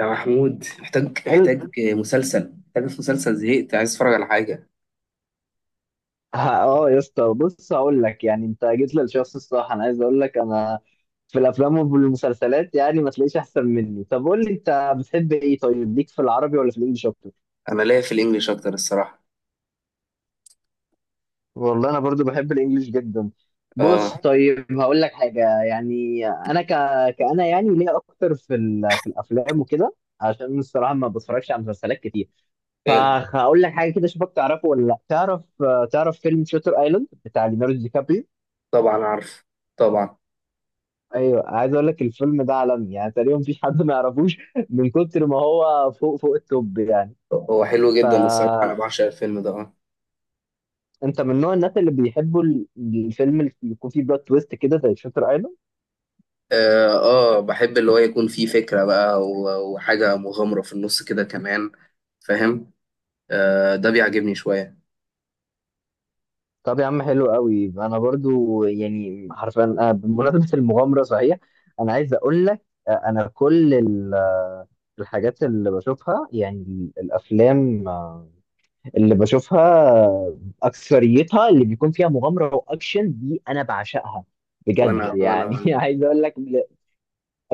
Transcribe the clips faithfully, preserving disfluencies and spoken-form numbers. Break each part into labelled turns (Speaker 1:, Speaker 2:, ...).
Speaker 1: يا محمود، محتاج
Speaker 2: ال...
Speaker 1: محتاج مسلسل. محتاج في مسلسل، زهقت، عايز اتفرج على حاجة.
Speaker 2: ها- اه يا اسطى، بص هقول لك. يعني انت جيت للشخص الصح. انا عايز اقول لك انا في الافلام والمسلسلات يعني ما تلاقيش احسن مني. طب قول لي انت بتحب ايه؟ طيب ليك في العربي ولا في الانجليش اكتر؟
Speaker 1: أنا ليا في الإنجليش أكتر الصراحة.
Speaker 2: والله انا برضو بحب الانجليش جدا. بص
Speaker 1: آه.
Speaker 2: طيب هقول لك حاجه. يعني انا ك... كأنا يعني ليه اكتر في ال... في الافلام وكده، عشان الصراحه ما بتفرجش على مسلسلات كتير.
Speaker 1: حلو.
Speaker 2: فهقول لك حاجه كده اشوفك تعرفه ولا لا تعرف. تعرف فيلم شاتر ايلاند بتاع ليوناردو دي كابريو؟
Speaker 1: طبعا عارف، طبعا.
Speaker 2: ايوه، عايز اقول لك الفيلم ده عالمي، يعني تقريبا مفيش حد ما يعرفوش من كتر ما هو فوق فوق التوب يعني.
Speaker 1: هو حلو جدا الصراحة، أنا
Speaker 2: فانت
Speaker 1: بعشق الفيلم ده. آه
Speaker 2: من نوع الناس اللي بيحبوا ال- الفيلم اللي يكون فيه بلوت تويست كده زي شاتر ايلاند؟
Speaker 1: آه آه، بحب اللي هو يكون فيه فكرة بقى و- وحاجة مغامرة في النص كده كمان. فاهم. آه، ده بيعجبني شوية.
Speaker 2: طب يا عم حلو قوي، انا برضو يعني حرفيا أنا بمناسبه المغامره صحيح. انا عايز اقول لك، آه، انا كل ال- الحاجات اللي بشوفها، يعني ال- الافلام آه، اللي بشوفها اكثريتها اللي بيكون فيها مغامره واكشن دي انا بعشقها بجد
Speaker 1: وأنا وأنا
Speaker 2: يعني.
Speaker 1: وأنا.
Speaker 2: عايز اقول لك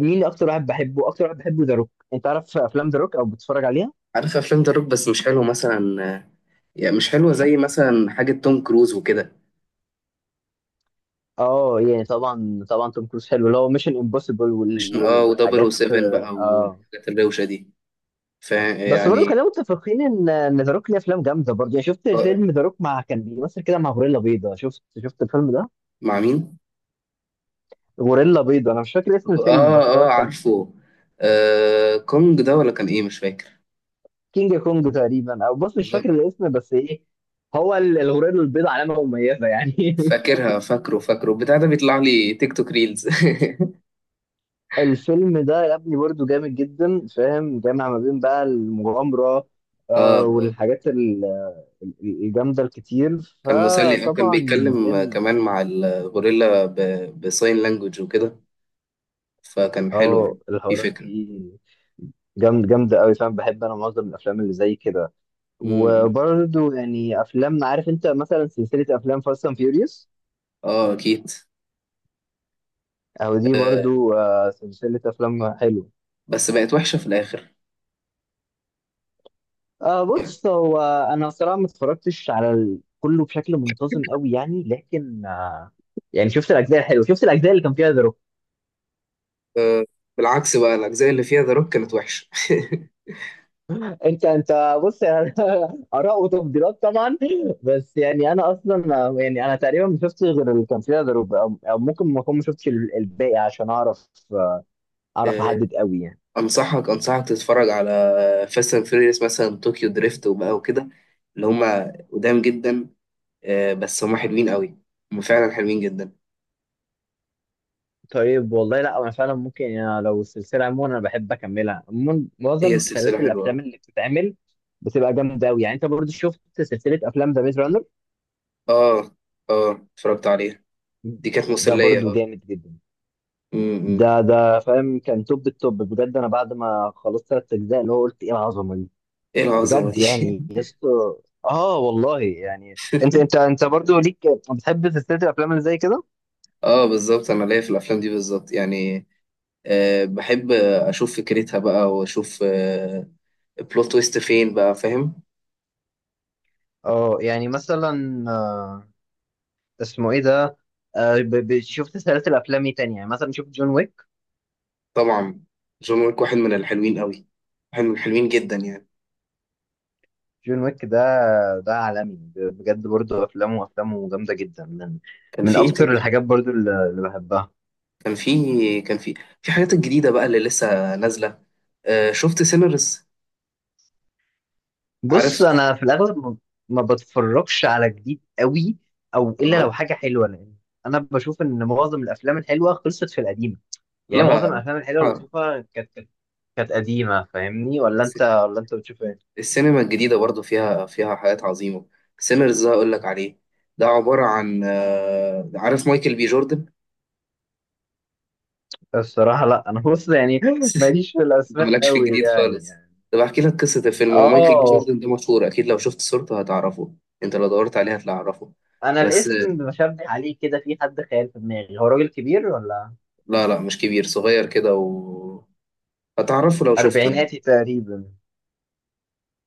Speaker 2: مين اكتر واحد بحبه، اكتر واحد بحبه ذا روك. انت عارف افلام ذا روك او بتتفرج عليها؟
Speaker 1: عارف أفلام ذا روك بس مش حلو مثلا. آه، يعني مش حلوة زي مثلا حاجة توم كروز وكده.
Speaker 2: اه يعني طبعا، طبعا توم كروز حلو، اللي هو ميشن امبوسيبل وال...
Speaker 1: مش
Speaker 2: وال...
Speaker 1: اه
Speaker 2: والحاجات.
Speaker 1: و007 بقى
Speaker 2: اه
Speaker 1: والحاجات الروشة دي.
Speaker 2: بس برضه
Speaker 1: فيعني.
Speaker 2: خلينا متفقين ان ان ذا روك ليه افلام جامده برضه. يعني شفت فيلم ذا روك مع، كان بيمثل كده مع غوريلا بيضاء؟ شفت شفت الفيلم ده؟
Speaker 1: مع مين؟
Speaker 2: غوريلا بيضاء، انا مش فاكر اسم الفيلم
Speaker 1: اه
Speaker 2: بس هو
Speaker 1: اه،
Speaker 2: كان
Speaker 1: عارفه. آه، كونج ده ولا كان ايه مش فاكر.
Speaker 2: كينج كونج تقريبا. او بص مش
Speaker 1: بالظبط.
Speaker 2: فاكر الاسم بس ايه، هو ال- الغوريلا البيضاء علامه مميزه يعني.
Speaker 1: فاكرها، فاكره فاكره بتاع ده بيطلع لي تيك توك ريلز.
Speaker 2: الفيلم ده يا ابني برضه جامد جدا، فاهم، جامع ما بين بقى المغامره
Speaker 1: اه
Speaker 2: آه
Speaker 1: آه.
Speaker 2: والحاجات ال- ال- الجامده الكتير.
Speaker 1: كان مسلي، آه، كان
Speaker 2: فطبعا زي
Speaker 1: بيتكلم
Speaker 2: ما-
Speaker 1: كمان مع الغوريلا ب- بساين لانجوج وكده. فكان حلو
Speaker 2: اه
Speaker 1: يعني. في
Speaker 2: الحوارات
Speaker 1: فكرة.
Speaker 2: دي جامد جامده قوي، فاهم، بحب انا معظم الافلام اللي زي كده.
Speaker 1: امم.
Speaker 2: وبرضه يعني افلام، عارف انت مثلا سلسله افلام فاست اند فيوريوس؟
Speaker 1: اه اكيد.
Speaker 2: او دي برضه آه، سلسله افلام حلوه.
Speaker 1: بس بقت وحشة في الاخر.
Speaker 2: آه بص، هو انا صراحه ما اتفرجتش على ال- كله بشكل منتظم قوي، يعني لكن آه يعني شفت الاجزاء الحلوه، شفت الاجزاء اللي كان فيها ذا روك.
Speaker 1: آه. بالعكس بقى، الاجزاء اللي فيها ذا روك كانت وحشة.
Speaker 2: انت انت بص يعني، اراء وتفضيلات طبعا. بس يعني انا اصلا آه، يعني انا تقريبا ما شفتش غير اللي كان فيها ذا روك، او أو ممكن ما اكون ما شفتش ال- الباقي، عشان اعرف آه، اعرف احدد قوي يعني.
Speaker 1: انصحك انصحك تتفرج على فاست اند فيوريوس، مثلا طوكيو دريفت وبقى وكده، اللي هما قدام جدا. آه، بس هما حلوين قوي. هما فعلا حلوين جدا.
Speaker 2: طيب والله لا، انا فعلا ممكن يعني لو السلسله عموما انا بحب اكملها. عموما
Speaker 1: هي
Speaker 2: معظم
Speaker 1: السلسله
Speaker 2: سلاسل
Speaker 1: حلوه.
Speaker 2: الافلام اللي بتتعمل بتبقى جامده قوي يعني. انت برضو شفت سلسله افلام ذا ميز رانر؟
Speaker 1: اه اه، اتفرجت عليها. دي كانت
Speaker 2: ده
Speaker 1: مسليه.
Speaker 2: برضو
Speaker 1: اه.
Speaker 2: جامد جدا.
Speaker 1: م- م.
Speaker 2: ده ده فاهم كان توب التوب بجد. انا بعد ما خلصت ثلاث اجزاء اللي هو قلت ايه العظمه دي.
Speaker 1: ايه العظمه
Speaker 2: بجد
Speaker 1: دي.
Speaker 2: يعني يسطا، اه والله يعني انت انت انت برضو ليك بتحب سلسله الافلام اللي زي كده.
Speaker 1: اه بالظبط، انا ليا في الافلام دي بالظبط يعني. أه، بحب اشوف فكرتها بقى واشوف، أه بلوت تويست فين بقى. فاهم.
Speaker 2: اه يعني مثلا آه اسمه ايه ده؟ آه ب- ب- شفت سلاسل افلام ايه تانية يعني؟ مثلا شفت جون ويك،
Speaker 1: طبعا. جون ويك واحد من الحلوين قوي. واحد من الحلوين جدا يعني.
Speaker 2: جون ويك ده ده عالمي، ب- بجد برضو افلامه افلامه جامده جدا، من
Speaker 1: كان
Speaker 2: من
Speaker 1: في ايه
Speaker 2: اكتر
Speaker 1: تاني؟
Speaker 2: الحاجات برضو اللي اللي بحبها.
Speaker 1: كان في كان في في حاجات الجديدة بقى اللي لسه نازلة. آه، شفت سينرز؟
Speaker 2: بص
Speaker 1: عارف.
Speaker 2: انا في الاغلب ما ما بتفرجش على جديد قوي، او الا
Speaker 1: آه.
Speaker 2: لو حاجه حلوه، لان انا بشوف ان معظم الافلام الحلوه خلصت في القديمه. يعني
Speaker 1: لا.
Speaker 2: معظم الافلام الحلوه اللي
Speaker 1: آه.
Speaker 2: بشوفها كانت كانت كانت قديمه، فاهمني ولا انت ولا انت بتشوف ايه؟
Speaker 1: السينما الجديدة برضو فيها فيها حاجات عظيمة. سينرز ده أقول لك عليه. ده عبارة عن، آه عارف مايكل بي جوردن.
Speaker 2: الصراحه لا، انا بص يعني، ماليش في
Speaker 1: انت
Speaker 2: الاسماء
Speaker 1: مالكش في
Speaker 2: قوي
Speaker 1: الجديد خالص.
Speaker 2: يعني.
Speaker 1: طب احكي لك قصة الفيلم. هو مايكل بي
Speaker 2: اه،
Speaker 1: جوردن ده مشهور، أكيد لو شفت صورته هتعرفه. انت لو دورت عليه هتعرفه.
Speaker 2: انا
Speaker 1: بس
Speaker 2: الاسم بشبه عليه كده، في حد خيال في دماغي. هو راجل كبير ولا
Speaker 1: لا لا، مش كبير، صغير كده و... هتعرفه لو شفته يعني.
Speaker 2: اربعيناتي تقريبا؟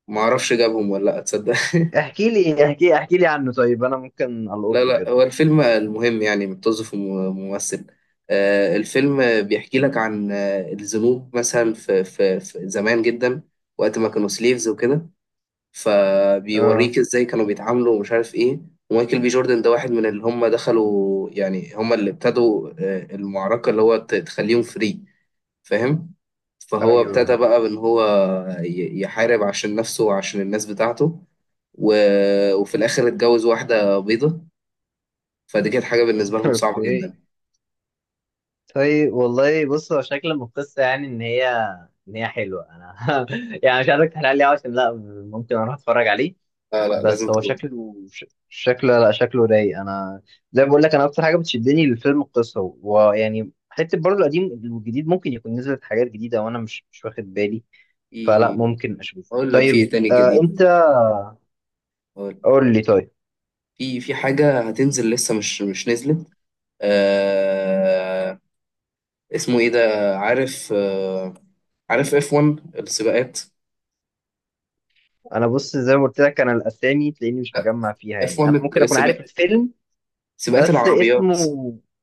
Speaker 1: ما اعرفش جابهم ولا لا، تصدق.
Speaker 2: احكي لي احكي احكي لي عنه، طيب انا ممكن
Speaker 1: لا
Speaker 2: القطه
Speaker 1: لا،
Speaker 2: كده.
Speaker 1: هو الفيلم المهم يعني متوظف ممثل. آه، الفيلم بيحكي لك عن، آه، الذنوب مثلا في, في, في زمان جدا، وقت ما كانوا سليفز وكده.
Speaker 2: اه،
Speaker 1: فبيوريك ازاي كانوا بيتعاملوا ومش عارف ايه. ومايكل بي جوردن ده واحد من اللي هم دخلوا، يعني هم اللي ابتدوا، آه، المعركة اللي هو ت- تخليهم فري. فاهم. فهو
Speaker 2: ايوه.
Speaker 1: ابتدى بقى ان هو ي- يحارب عشان نفسه وعشان الناس بتاعته و... وفي الاخر اتجوز واحده بيضه، فدي كانت حاجه بالنسبه لهم صعبه
Speaker 2: اوكي،
Speaker 1: جدا.
Speaker 2: طيب والله بص هو شكل من القصه يعني ان هي ان هي حلوه. انا يعني مش عايزك تحرق لي أوي، عشان لا ممكن اروح اتفرج عليه.
Speaker 1: لا لا، لازم
Speaker 2: بس هو
Speaker 1: تروح.
Speaker 2: شكله ش- شكله لا شكله رايق انا. زي ما بقول لك، انا اكتر حاجه بتشدني للفيلم القصه، ويعني حته برضه القديم. والجديد ممكن يكون نزلت حاجات جديده وانا مش مش واخد بالي، فلا
Speaker 1: في،
Speaker 2: ممكن اشوفه.
Speaker 1: اقول لك في ايه
Speaker 2: طيب
Speaker 1: تاني
Speaker 2: آه انت
Speaker 1: جديد. أقول.
Speaker 2: قول لي طيب.
Speaker 1: في في حاجه هتنزل لسه، مش مش نزلت. آه. اسمه ايه ده. عارف. آه. عارف اف وان السباقات.
Speaker 2: انا بص زي ما قلت لك، انا الاسامي تلاقيني مش
Speaker 1: لا.
Speaker 2: مجمع فيها،
Speaker 1: اف
Speaker 2: يعني
Speaker 1: وان
Speaker 2: انا ممكن اكون عارف
Speaker 1: السباق،
Speaker 2: الفيلم
Speaker 1: سباقات
Speaker 2: بس
Speaker 1: العربيات.
Speaker 2: اسمه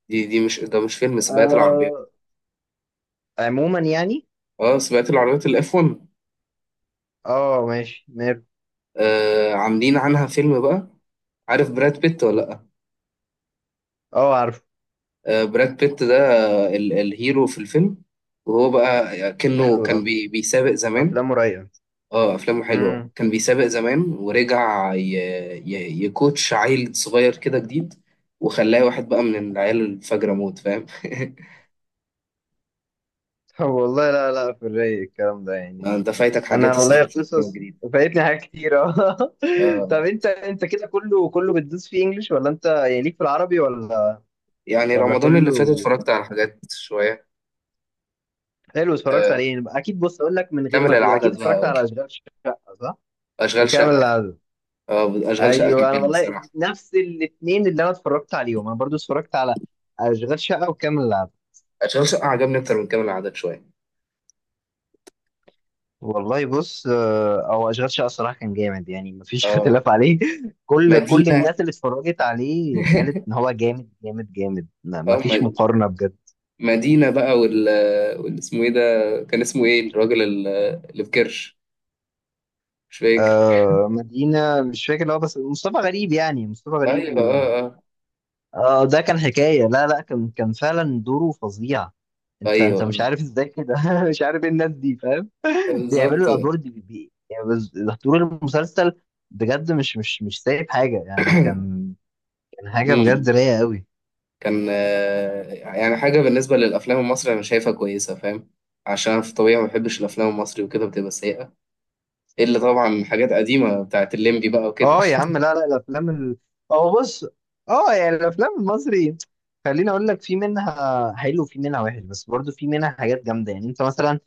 Speaker 1: دي دي مش، ده مش فيلم سباقات العربيات.
Speaker 2: آه عموما يعني.
Speaker 1: اه، سباقات العربيات الاف وان.
Speaker 2: اه ماشي ماله.
Speaker 1: آه، عاملين عنها فيلم بقى. عارف براد بيت ولا لا؟
Speaker 2: اه عارفه.
Speaker 1: آه، براد بيت ده، آه، ال- الهيرو في الفيلم. وهو بقى كأنه
Speaker 2: حلو ده،
Speaker 1: كان بي بيسابق زمان.
Speaker 2: افلامه رايقه.
Speaker 1: اه، افلامه حلوه. كان بيسابق زمان ورجع ي... ي... يكوتش عيل صغير كده جديد، وخلاه واحد بقى من العيال الفجرة موت. فاهم.
Speaker 2: والله لا لا، في الرايق الكلام ده
Speaker 1: آه،
Speaker 2: يعني.
Speaker 1: انت فايتك حاجات
Speaker 2: انا والله
Speaker 1: الصراحه في الافلام
Speaker 2: قصص،
Speaker 1: الجديده.
Speaker 2: فايتني حاجات كتيرة. طب
Speaker 1: آه،
Speaker 2: انت انت كده كله كله بتدوس فيه انجلش ولا انت يعني ليك في العربي ولا
Speaker 1: يعني
Speaker 2: ولا
Speaker 1: رمضان اللي فات
Speaker 2: كله؟
Speaker 1: اتفرجت على حاجات شويه.
Speaker 2: حلو، اتفرجت
Speaker 1: آه،
Speaker 2: عليه يعني. اكيد بص اقول لك، من غير
Speaker 1: كامل
Speaker 2: ما تقول اكيد
Speaker 1: العدد
Speaker 2: اتفرجت
Speaker 1: بقى.
Speaker 2: على اشغال شقة، صح؟
Speaker 1: اشغال
Speaker 2: وكامل
Speaker 1: شقه.
Speaker 2: العدد.
Speaker 1: آه، اشغال شقه كان
Speaker 2: ايوه، انا
Speaker 1: حلو
Speaker 2: والله
Speaker 1: الصراحه.
Speaker 2: نفس الاثنين اللي انا اتفرجت عليهم. انا برضو اتفرجت على اشغال شقة وكامل العدد.
Speaker 1: اشغال شقه عجبني اكتر من كامل العدد شويه.
Speaker 2: والله بص، آه، هو اشغال شقه الصراحه كان جامد يعني، مفيش
Speaker 1: اه،
Speaker 2: اختلاف عليه. كل كل
Speaker 1: مدينه.
Speaker 2: الناس اللي اتفرجت عليه قالت ان هو جامد جامد جامد. ما-
Speaker 1: اه
Speaker 2: مفيش
Speaker 1: م-
Speaker 2: مقارنه بجد.
Speaker 1: مدينة بقى وال وال- اسمه ايه ده؟ كان اسمه ايه الراجل ال- اللي في كرش، مش فاكر.
Speaker 2: آه مدينه، مش فاكر اللي هو بس مصطفى غريب، يعني مصطفى غريب
Speaker 1: ايوه،
Speaker 2: و...
Speaker 1: اه اه.
Speaker 2: آه ده كان حكايه، لا لا، كان كان فعلا دوره فظيع. انت انت مش
Speaker 1: ايوه
Speaker 2: عارف ازاي كده مش عارف ايه الناس دي، فاهم، بيعملوا
Speaker 1: بالظبط.
Speaker 2: الادوار دي بي... يعني بس طول المسلسل بجد مش مش مش سايب حاجه يعني. كان كان حاجه بجد
Speaker 1: امم.
Speaker 2: رايقه قوي.
Speaker 1: كان، آه، يعني حاجة بالنسبة للأفلام المصري أنا شايفها كويسة. فاهم. عشان أنا في طبيعي ما بحبش الأفلام المصري وكده، بتبقى سيئة. إلا طبعا حاجات قديمة بتاعت الليمبي بقى وكده.
Speaker 2: اه يا عم، لا لا، الافلام ال... اه بص، اه يعني الافلام المصري خليني اقول لك، في منها حلو وفي منها وحش، بس برضو في منها حاجات جامده يعني. انت مثلا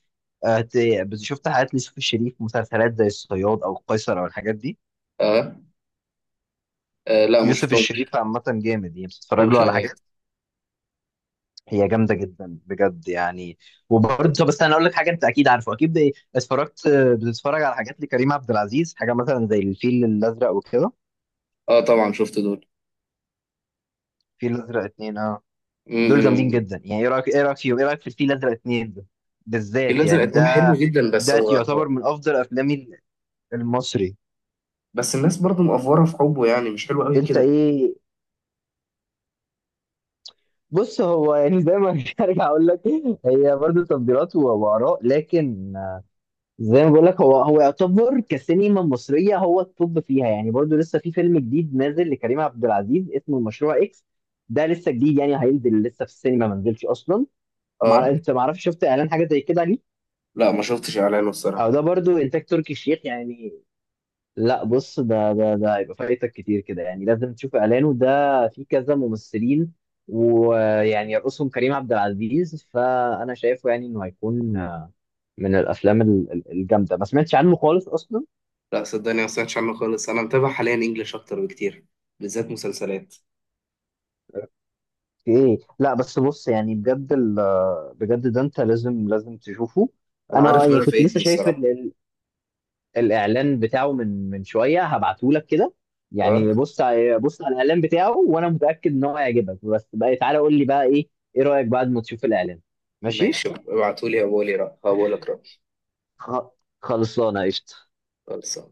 Speaker 2: آه، ت- بت- شفت حاجات ليوسف الشريف؟ مسلسلات زي الصياد او القيصر او الحاجات دي.
Speaker 1: اه آه، لا ما
Speaker 2: يوسف
Speaker 1: شفتهمش.
Speaker 2: الشريف عامه جامد، يعني بتتفرج
Speaker 1: ما شفتهمش
Speaker 2: له على
Speaker 1: أوي
Speaker 2: حاجات
Speaker 1: يعني.
Speaker 2: هي جامده جدا بجد يعني. وبرضه، بس انا اقول لك حاجه، انت اكيد عارفه، اكيد ب- اتفرجت بتتفرج على حاجات لكريم عبد العزيز، حاجه مثلا زي الفيل الازرق وكده.
Speaker 1: اه طبعا، شفت دول.
Speaker 2: الفيل الازرق اتنين اه دول جامدين
Speaker 1: امم.
Speaker 2: جدا يعني. ايه رايك ايه رايك فيهم ايه رايك في الفيل الازرق اتنين ده
Speaker 1: الفيل
Speaker 2: بالذات
Speaker 1: الأزرق
Speaker 2: يعني؟
Speaker 1: اتنين
Speaker 2: ده
Speaker 1: حلو جدا، بس
Speaker 2: ده
Speaker 1: هو
Speaker 2: يعتبر
Speaker 1: اه.
Speaker 2: من افضل افلامي المصري.
Speaker 1: بس الناس برضو مقفورة في حبه، يعني مش حلو قوي
Speaker 2: انت
Speaker 1: كده.
Speaker 2: ايه؟ بص، هو يعني زي ما ارجع اقول لك، هي برضه تفضيلات و- واراء، لكن زي ما بقول لك هو هو يعتبر كسينما مصريه هو التوب فيها يعني. برضه لسه في فيلم جديد نازل لكريم عبد العزيز اسمه مشروع اكس، ده لسه جديد يعني، هينزل لسه في السينما ما نزلش اصلا. مع...
Speaker 1: اه
Speaker 2: انت ما اعرفش، شفت اعلان حاجه زي كده ليه؟
Speaker 1: لا، ما شفتش اعلانه
Speaker 2: او
Speaker 1: الصراحة.
Speaker 2: ده برضو انتاج تركي الشيخ يعني. لا بص، ده ده ده هيبقى فايتك كتير كده يعني، لازم تشوف اعلانه ده. في كذا ممثلين، ويعني يرقصهم كريم عبد العزيز. فانا شايفه يعني انه هيكون من الافلام ال- ال- الجامده. ما سمعتش عنه خالص اصلا؟
Speaker 1: لا صدقني، ما سمعتش عنه خالص. انا متابع حاليا انجلش اكتر بكتير، بالذات مسلسلات.
Speaker 2: في ايه؟ لا بس بص يعني بجد ال- بجد ده انت لازم لازم تشوفه.
Speaker 1: انا
Speaker 2: انا
Speaker 1: عارف ان
Speaker 2: يعني
Speaker 1: انا
Speaker 2: كنت لسه
Speaker 1: فايتني
Speaker 2: شايف
Speaker 1: الصراحة.
Speaker 2: الاعلان بتاعه من من شويه، هبعته لك كده.
Speaker 1: اه
Speaker 2: يعني بص ع- بص على الاعلان بتاعه، وانا متاكد ان هو هيعجبك. بس بقى تعالى قول لي بقى ايه ايه رايك بعد ما تشوف الاعلان. ماشي؟
Speaker 1: ماشي، ابعتولي هقولي رأ هقولك رأي.
Speaker 2: خ- خلصانه قشطه.
Speaker 1: خلاص